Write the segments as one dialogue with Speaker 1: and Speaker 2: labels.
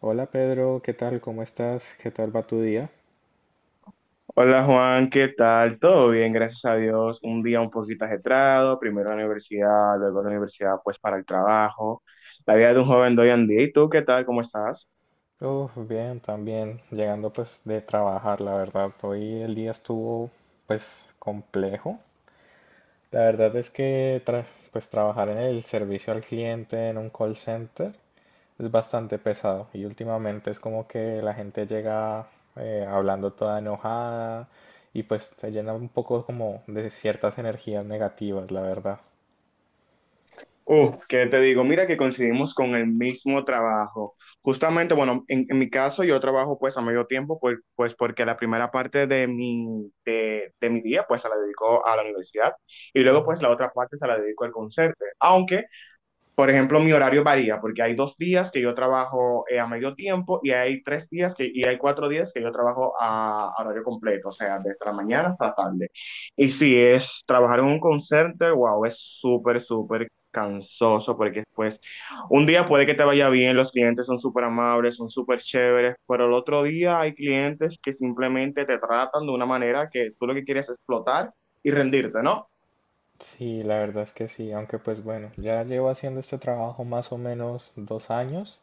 Speaker 1: Hola Pedro, ¿qué tal? ¿Cómo estás? ¿Qué tal va tu día?
Speaker 2: Hola Juan, ¿qué tal? Todo bien, gracias a Dios. Un día un poquito ajetreado, primero la universidad, luego la universidad pues para el trabajo. La vida de un joven de hoy en día. ¿Y tú qué tal? ¿Cómo estás?
Speaker 1: Uf, bien, también llegando pues de trabajar, la verdad. Hoy el día estuvo pues complejo. La verdad es que pues trabajar en el servicio al cliente en un call center es bastante pesado y últimamente es como que la gente llega hablando toda enojada y pues te llena un poco como de ciertas energías negativas, la verdad.
Speaker 2: ¿Qué te digo? Mira que coincidimos con el mismo trabajo. Justamente, bueno, en mi caso yo trabajo pues a medio tiempo, pues, pues porque la primera parte de mi, de mi día pues se la dedico a la universidad y luego pues la otra parte se la dedico al concierto. Aunque por ejemplo, mi horario varía porque hay dos días que yo trabajo a medio tiempo y hay tres días que, y hay cuatro días que yo trabajo a horario completo, o sea, desde la mañana hasta la tarde. Y si es trabajar en un concierto, wow, es súper, súper cansoso porque pues un día puede que te vaya bien, los clientes son súper amables, son súper chéveres, pero el otro día hay clientes que simplemente te tratan de una manera que tú lo que quieres es explotar y rendirte, ¿no?
Speaker 1: Sí, la verdad es que sí, aunque pues bueno, ya llevo haciendo este trabajo más o menos 2 años,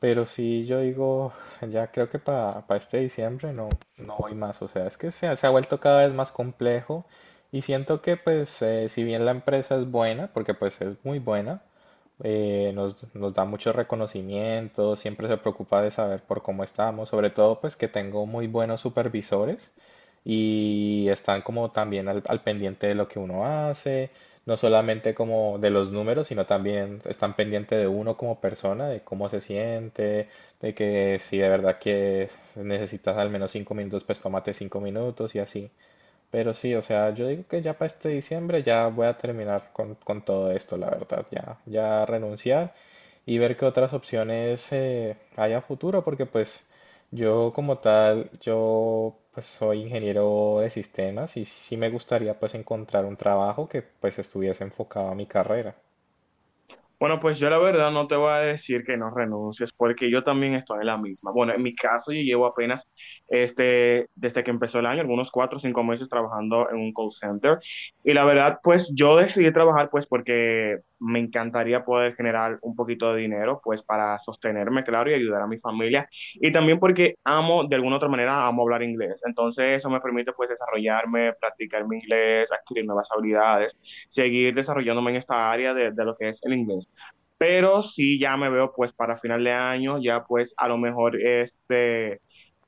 Speaker 1: pero sí yo digo, ya creo que para este diciembre no, no voy más. O sea, es que se ha vuelto cada vez más complejo y siento que pues si bien la empresa es buena, porque pues es muy buena, nos da mucho reconocimiento, siempre se preocupa de saber por cómo estamos, sobre todo pues que tengo muy buenos supervisores y están como también al pendiente de lo que uno hace, no solamente como de los números, sino también están pendientes de uno como persona, de cómo se siente, de que si de verdad que necesitas al menos 5 minutos, pues tómate 5 minutos y así. Pero sí, o sea, yo digo que ya para este diciembre ya voy a terminar con todo esto, la verdad, ya, ya renunciar y ver qué otras opciones hay a futuro, porque pues yo como tal, yo pues soy ingeniero de sistemas y sí me gustaría pues encontrar un trabajo que pues estuviese enfocado a mi carrera.
Speaker 2: Bueno, pues yo la verdad no te voy a decir que no renuncies, porque yo también estoy en la misma. Bueno, en mi caso yo llevo apenas, este, desde que empezó el año, algunos cuatro o cinco meses trabajando en un call center. Y la verdad, pues yo decidí trabajar, pues porque me encantaría poder generar un poquito de dinero, pues para sostenerme, claro, y ayudar a mi familia. Y también porque amo, de alguna otra manera, amo hablar inglés. Entonces eso me permite, pues, desarrollarme, practicar mi inglés, adquirir nuevas habilidades, seguir desarrollándome en esta área de lo que es el inglés. Pero sí ya me veo pues para final de año, ya pues a lo mejor este,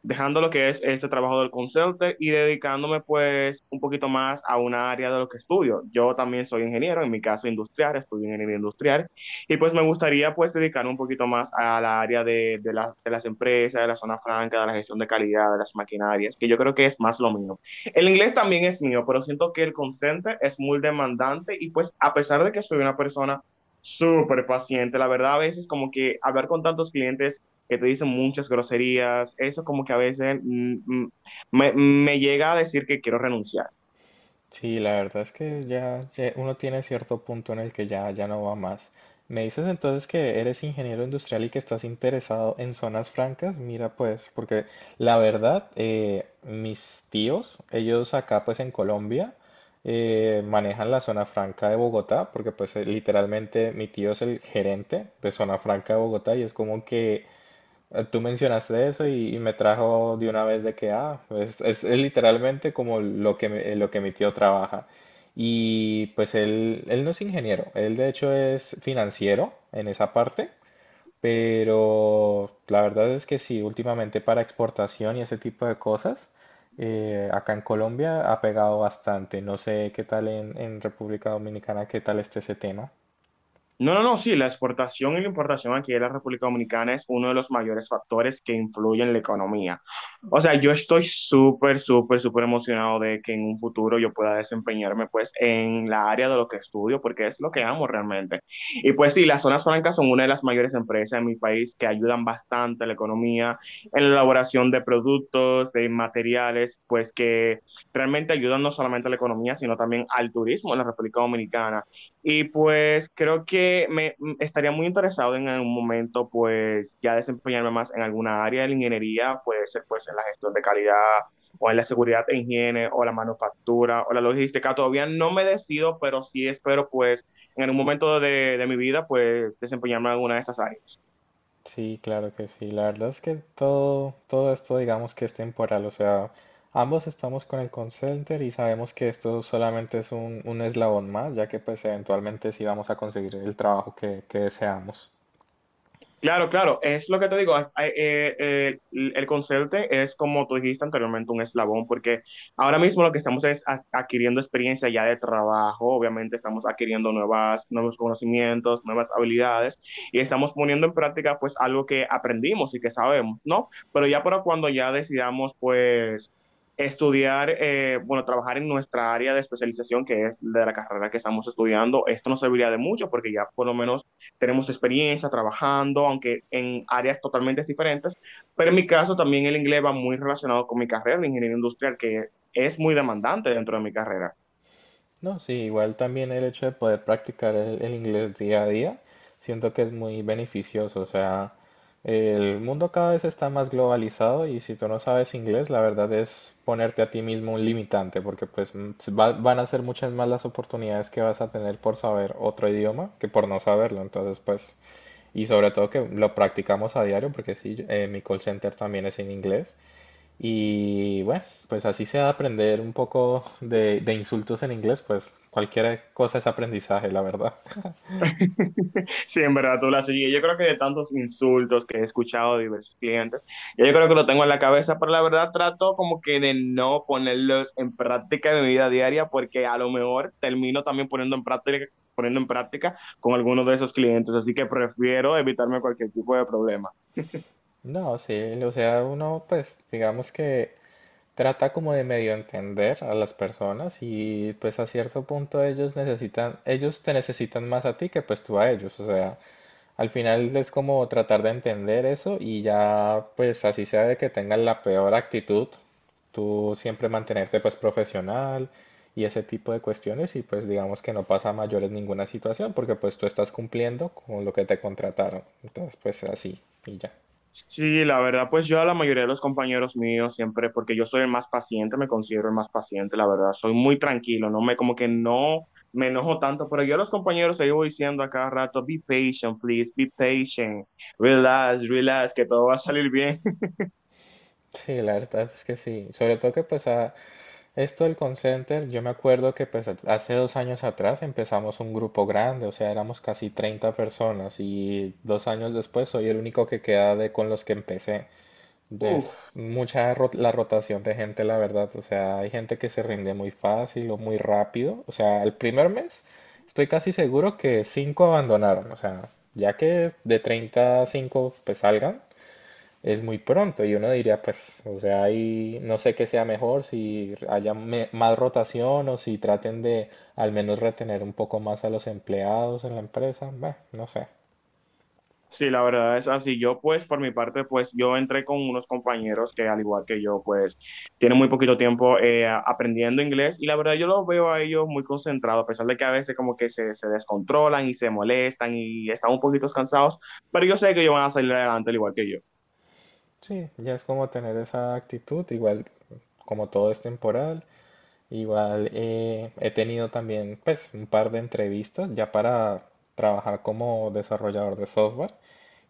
Speaker 2: dejando lo que es este trabajo del consultor y dedicándome pues un poquito más a una área de lo que estudio. Yo también soy ingeniero, en mi caso industrial, estudio ingeniería industrial y pues me gustaría pues dedicarme un poquito más a la área de, de las empresas, de la zona franca, de la gestión de calidad, de las maquinarias, que yo creo que es más lo mío. El inglés también es mío, pero siento que el consente es muy demandante y pues a pesar de que soy una persona súper paciente, la verdad, a veces como que hablar con tantos clientes que te dicen muchas groserías, eso como que a veces me llega a decir que quiero renunciar.
Speaker 1: Sí, la verdad es que ya, ya uno tiene cierto punto en el que ya, ya no va más. Me dices entonces que eres ingeniero industrial y que estás interesado en zonas francas. Mira, pues, porque la verdad, mis tíos, ellos acá pues en Colombia, manejan la zona franca de Bogotá, porque pues literalmente mi tío es el gerente de zona franca de Bogotá y es como que Tú mencionaste eso y me trajo de una vez de que, ah, es literalmente como lo que, lo que mi tío trabaja. Y pues él no es ingeniero, él de hecho es financiero en esa parte, pero la verdad es que sí, últimamente para exportación y ese tipo de cosas, acá en Colombia ha pegado bastante. No sé qué tal en República Dominicana, qué tal esté ese tema.
Speaker 2: No, no, no, sí, la exportación y la importación aquí de la República Dominicana es uno de los mayores factores que influyen en la economía. O sea, yo estoy súper, súper, súper emocionado de que en un futuro yo pueda desempeñarme pues en la área de lo que estudio, porque es lo que amo realmente. Y pues sí, las zonas francas son una de las mayores empresas en mi país que ayudan bastante a la economía, en la elaboración de productos, de materiales, pues que realmente ayudan no solamente a la economía, sino también al turismo en la República Dominicana. Y pues creo que estaría muy interesado en algún momento pues ya desempeñarme más en alguna área de la ingeniería, puede ser pues en la gestión de calidad o en la seguridad e higiene o la manufactura o la logística. Todavía no me decido, pero sí espero pues en algún momento de mi vida pues desempeñarme en alguna de esas áreas.
Speaker 1: Sí, claro que sí. La verdad es que todo, todo esto digamos que es temporal. O sea, ambos estamos con el call center y sabemos que esto solamente es un eslabón más, ya que pues eventualmente sí vamos a conseguir el trabajo que deseamos.
Speaker 2: Claro, claro, es lo que te digo, el conserje es como tú dijiste anteriormente, un eslabón, porque ahora mismo lo que estamos es adquiriendo experiencia ya de trabajo, obviamente estamos adquiriendo nuevas, nuevos conocimientos, nuevas habilidades, y estamos poniendo en práctica pues algo que aprendimos y que sabemos, ¿no? Pero ya para cuando ya decidamos pues estudiar, bueno, trabajar en nuestra área de especialización, que es de la carrera que estamos estudiando, esto nos serviría de mucho porque ya por lo menos tenemos experiencia trabajando, aunque en áreas totalmente diferentes, pero en mi caso también el inglés va muy relacionado con mi carrera de ingeniería industrial, que es muy demandante dentro de mi carrera.
Speaker 1: No, sí, igual también el hecho de poder practicar el inglés día a día, siento que es muy beneficioso. O sea, el mundo cada vez está más globalizado y si tú no sabes inglés, la verdad es ponerte a ti mismo un limitante, porque pues van a ser muchas más las oportunidades que vas a tener por saber otro idioma que por no saberlo. Entonces, pues, y sobre todo que lo practicamos a diario, porque sí, mi call center también es en inglés. Y bueno, pues así sea aprender un poco de insultos en inglés, pues cualquier cosa es aprendizaje, la verdad.
Speaker 2: Sí, en verdad, tú la sigues. Yo creo que de tantos insultos que he escuchado de diversos clientes, ya yo creo que lo tengo en la cabeza, pero la verdad trato como que de no ponerlos en práctica en mi vida diaria, porque a lo mejor termino también poniendo en práctica con algunos de esos clientes, así que prefiero evitarme cualquier tipo de problema.
Speaker 1: No, sí, o sea, uno pues digamos que trata como de medio entender a las personas y pues a cierto punto ellos necesitan, ellos te necesitan más a ti que pues tú a ellos. O sea, al final es como tratar de entender eso y ya, pues así sea de que tengan la peor actitud, tú siempre mantenerte pues profesional y ese tipo de cuestiones, y pues digamos que no pasa a mayores ninguna situación porque pues tú estás cumpliendo con lo que te contrataron. Entonces pues así y ya.
Speaker 2: Sí, la verdad, pues yo a la mayoría de los compañeros míos siempre, porque yo soy el más paciente, me considero el más paciente, la verdad, soy muy tranquilo, no me como que no me enojo tanto, pero yo a los compañeros les voy diciendo a cada rato, be patient, please, be patient, relax, relax, que todo va a salir bien.
Speaker 1: Sí, la verdad es que sí. Sobre todo que pues esto del Concenter, yo me acuerdo que pues hace 2 años atrás empezamos un grupo grande, o sea, éramos casi 30 personas y 2 años después soy el único que queda de con los que empecé. Es
Speaker 2: Uf.
Speaker 1: mucha la rotación de gente, la verdad, o sea, hay gente que se rinde muy fácil o muy rápido. O sea, el primer mes estoy casi seguro que cinco abandonaron. O sea, ya que de 30 a 5 pues salgan, es muy pronto, y uno diría, pues, o sea, ahí no sé qué sea mejor, si haya más rotación o si traten de al menos retener un poco más a los empleados en la empresa. Bah, no sé.
Speaker 2: Sí, la verdad es así. Yo, pues, por mi parte, pues, yo entré con unos compañeros que, al igual que yo, pues, tienen muy poquito tiempo aprendiendo inglés y la verdad yo los veo a ellos muy concentrados, a pesar de que a veces como que se descontrolan y se molestan y están un poquito cansados, pero yo sé que ellos van a salir adelante al igual que yo.
Speaker 1: Sí, ya es como tener esa actitud, igual como todo es temporal. Igual he tenido también pues un par de entrevistas ya para trabajar como desarrollador de software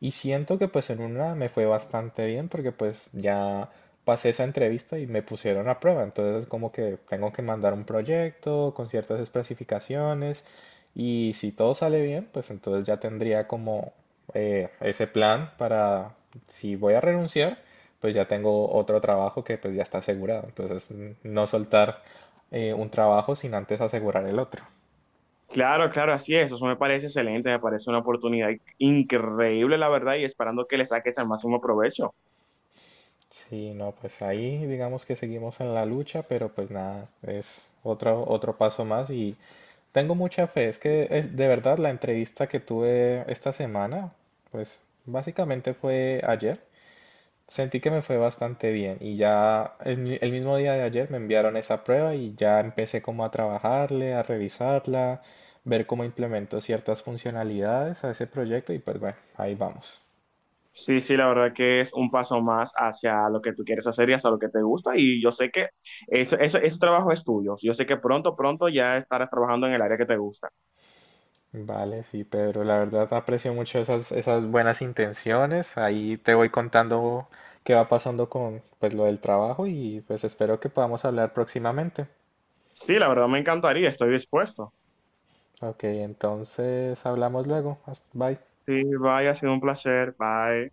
Speaker 1: y siento que pues en una me fue bastante bien porque pues ya pasé esa entrevista y me pusieron a prueba. Entonces como que tengo que mandar un proyecto con ciertas especificaciones y si todo sale bien pues entonces ya tendría como ese plan para si voy a renunciar, pues ya tengo otro trabajo que pues ya está asegurado. Entonces no soltar un trabajo sin antes asegurar el otro.
Speaker 2: Claro, claro, así es. Eso me parece excelente, me parece una oportunidad increíble, la verdad, y esperando que le saques al máximo provecho.
Speaker 1: Sí, no, pues ahí digamos que seguimos en la lucha, pero pues nada, es otro paso más y tengo mucha fe. Es que es, de verdad la entrevista que tuve esta semana, pues básicamente fue ayer, sentí que me fue bastante bien y ya el mismo día de ayer me enviaron esa prueba y ya empecé como a trabajarle, a revisarla, ver cómo implemento ciertas funcionalidades a ese proyecto y pues bueno, ahí vamos.
Speaker 2: Sí, sí, la verdad que es un paso más hacia lo que tú quieres hacer y hacia lo que te gusta. Y yo sé que ese trabajo es tuyo. Yo sé que pronto, pronto ya estarás trabajando en el área que te gusta.
Speaker 1: Vale, sí, Pedro. La verdad aprecio mucho esas buenas intenciones. Ahí te voy contando qué va pasando con pues lo del trabajo y pues espero que podamos hablar próximamente.
Speaker 2: Sí, la verdad me encantaría, estoy dispuesto.
Speaker 1: Ok, entonces hablamos luego. Bye.
Speaker 2: Sí, bye, ha sido un placer. Bye.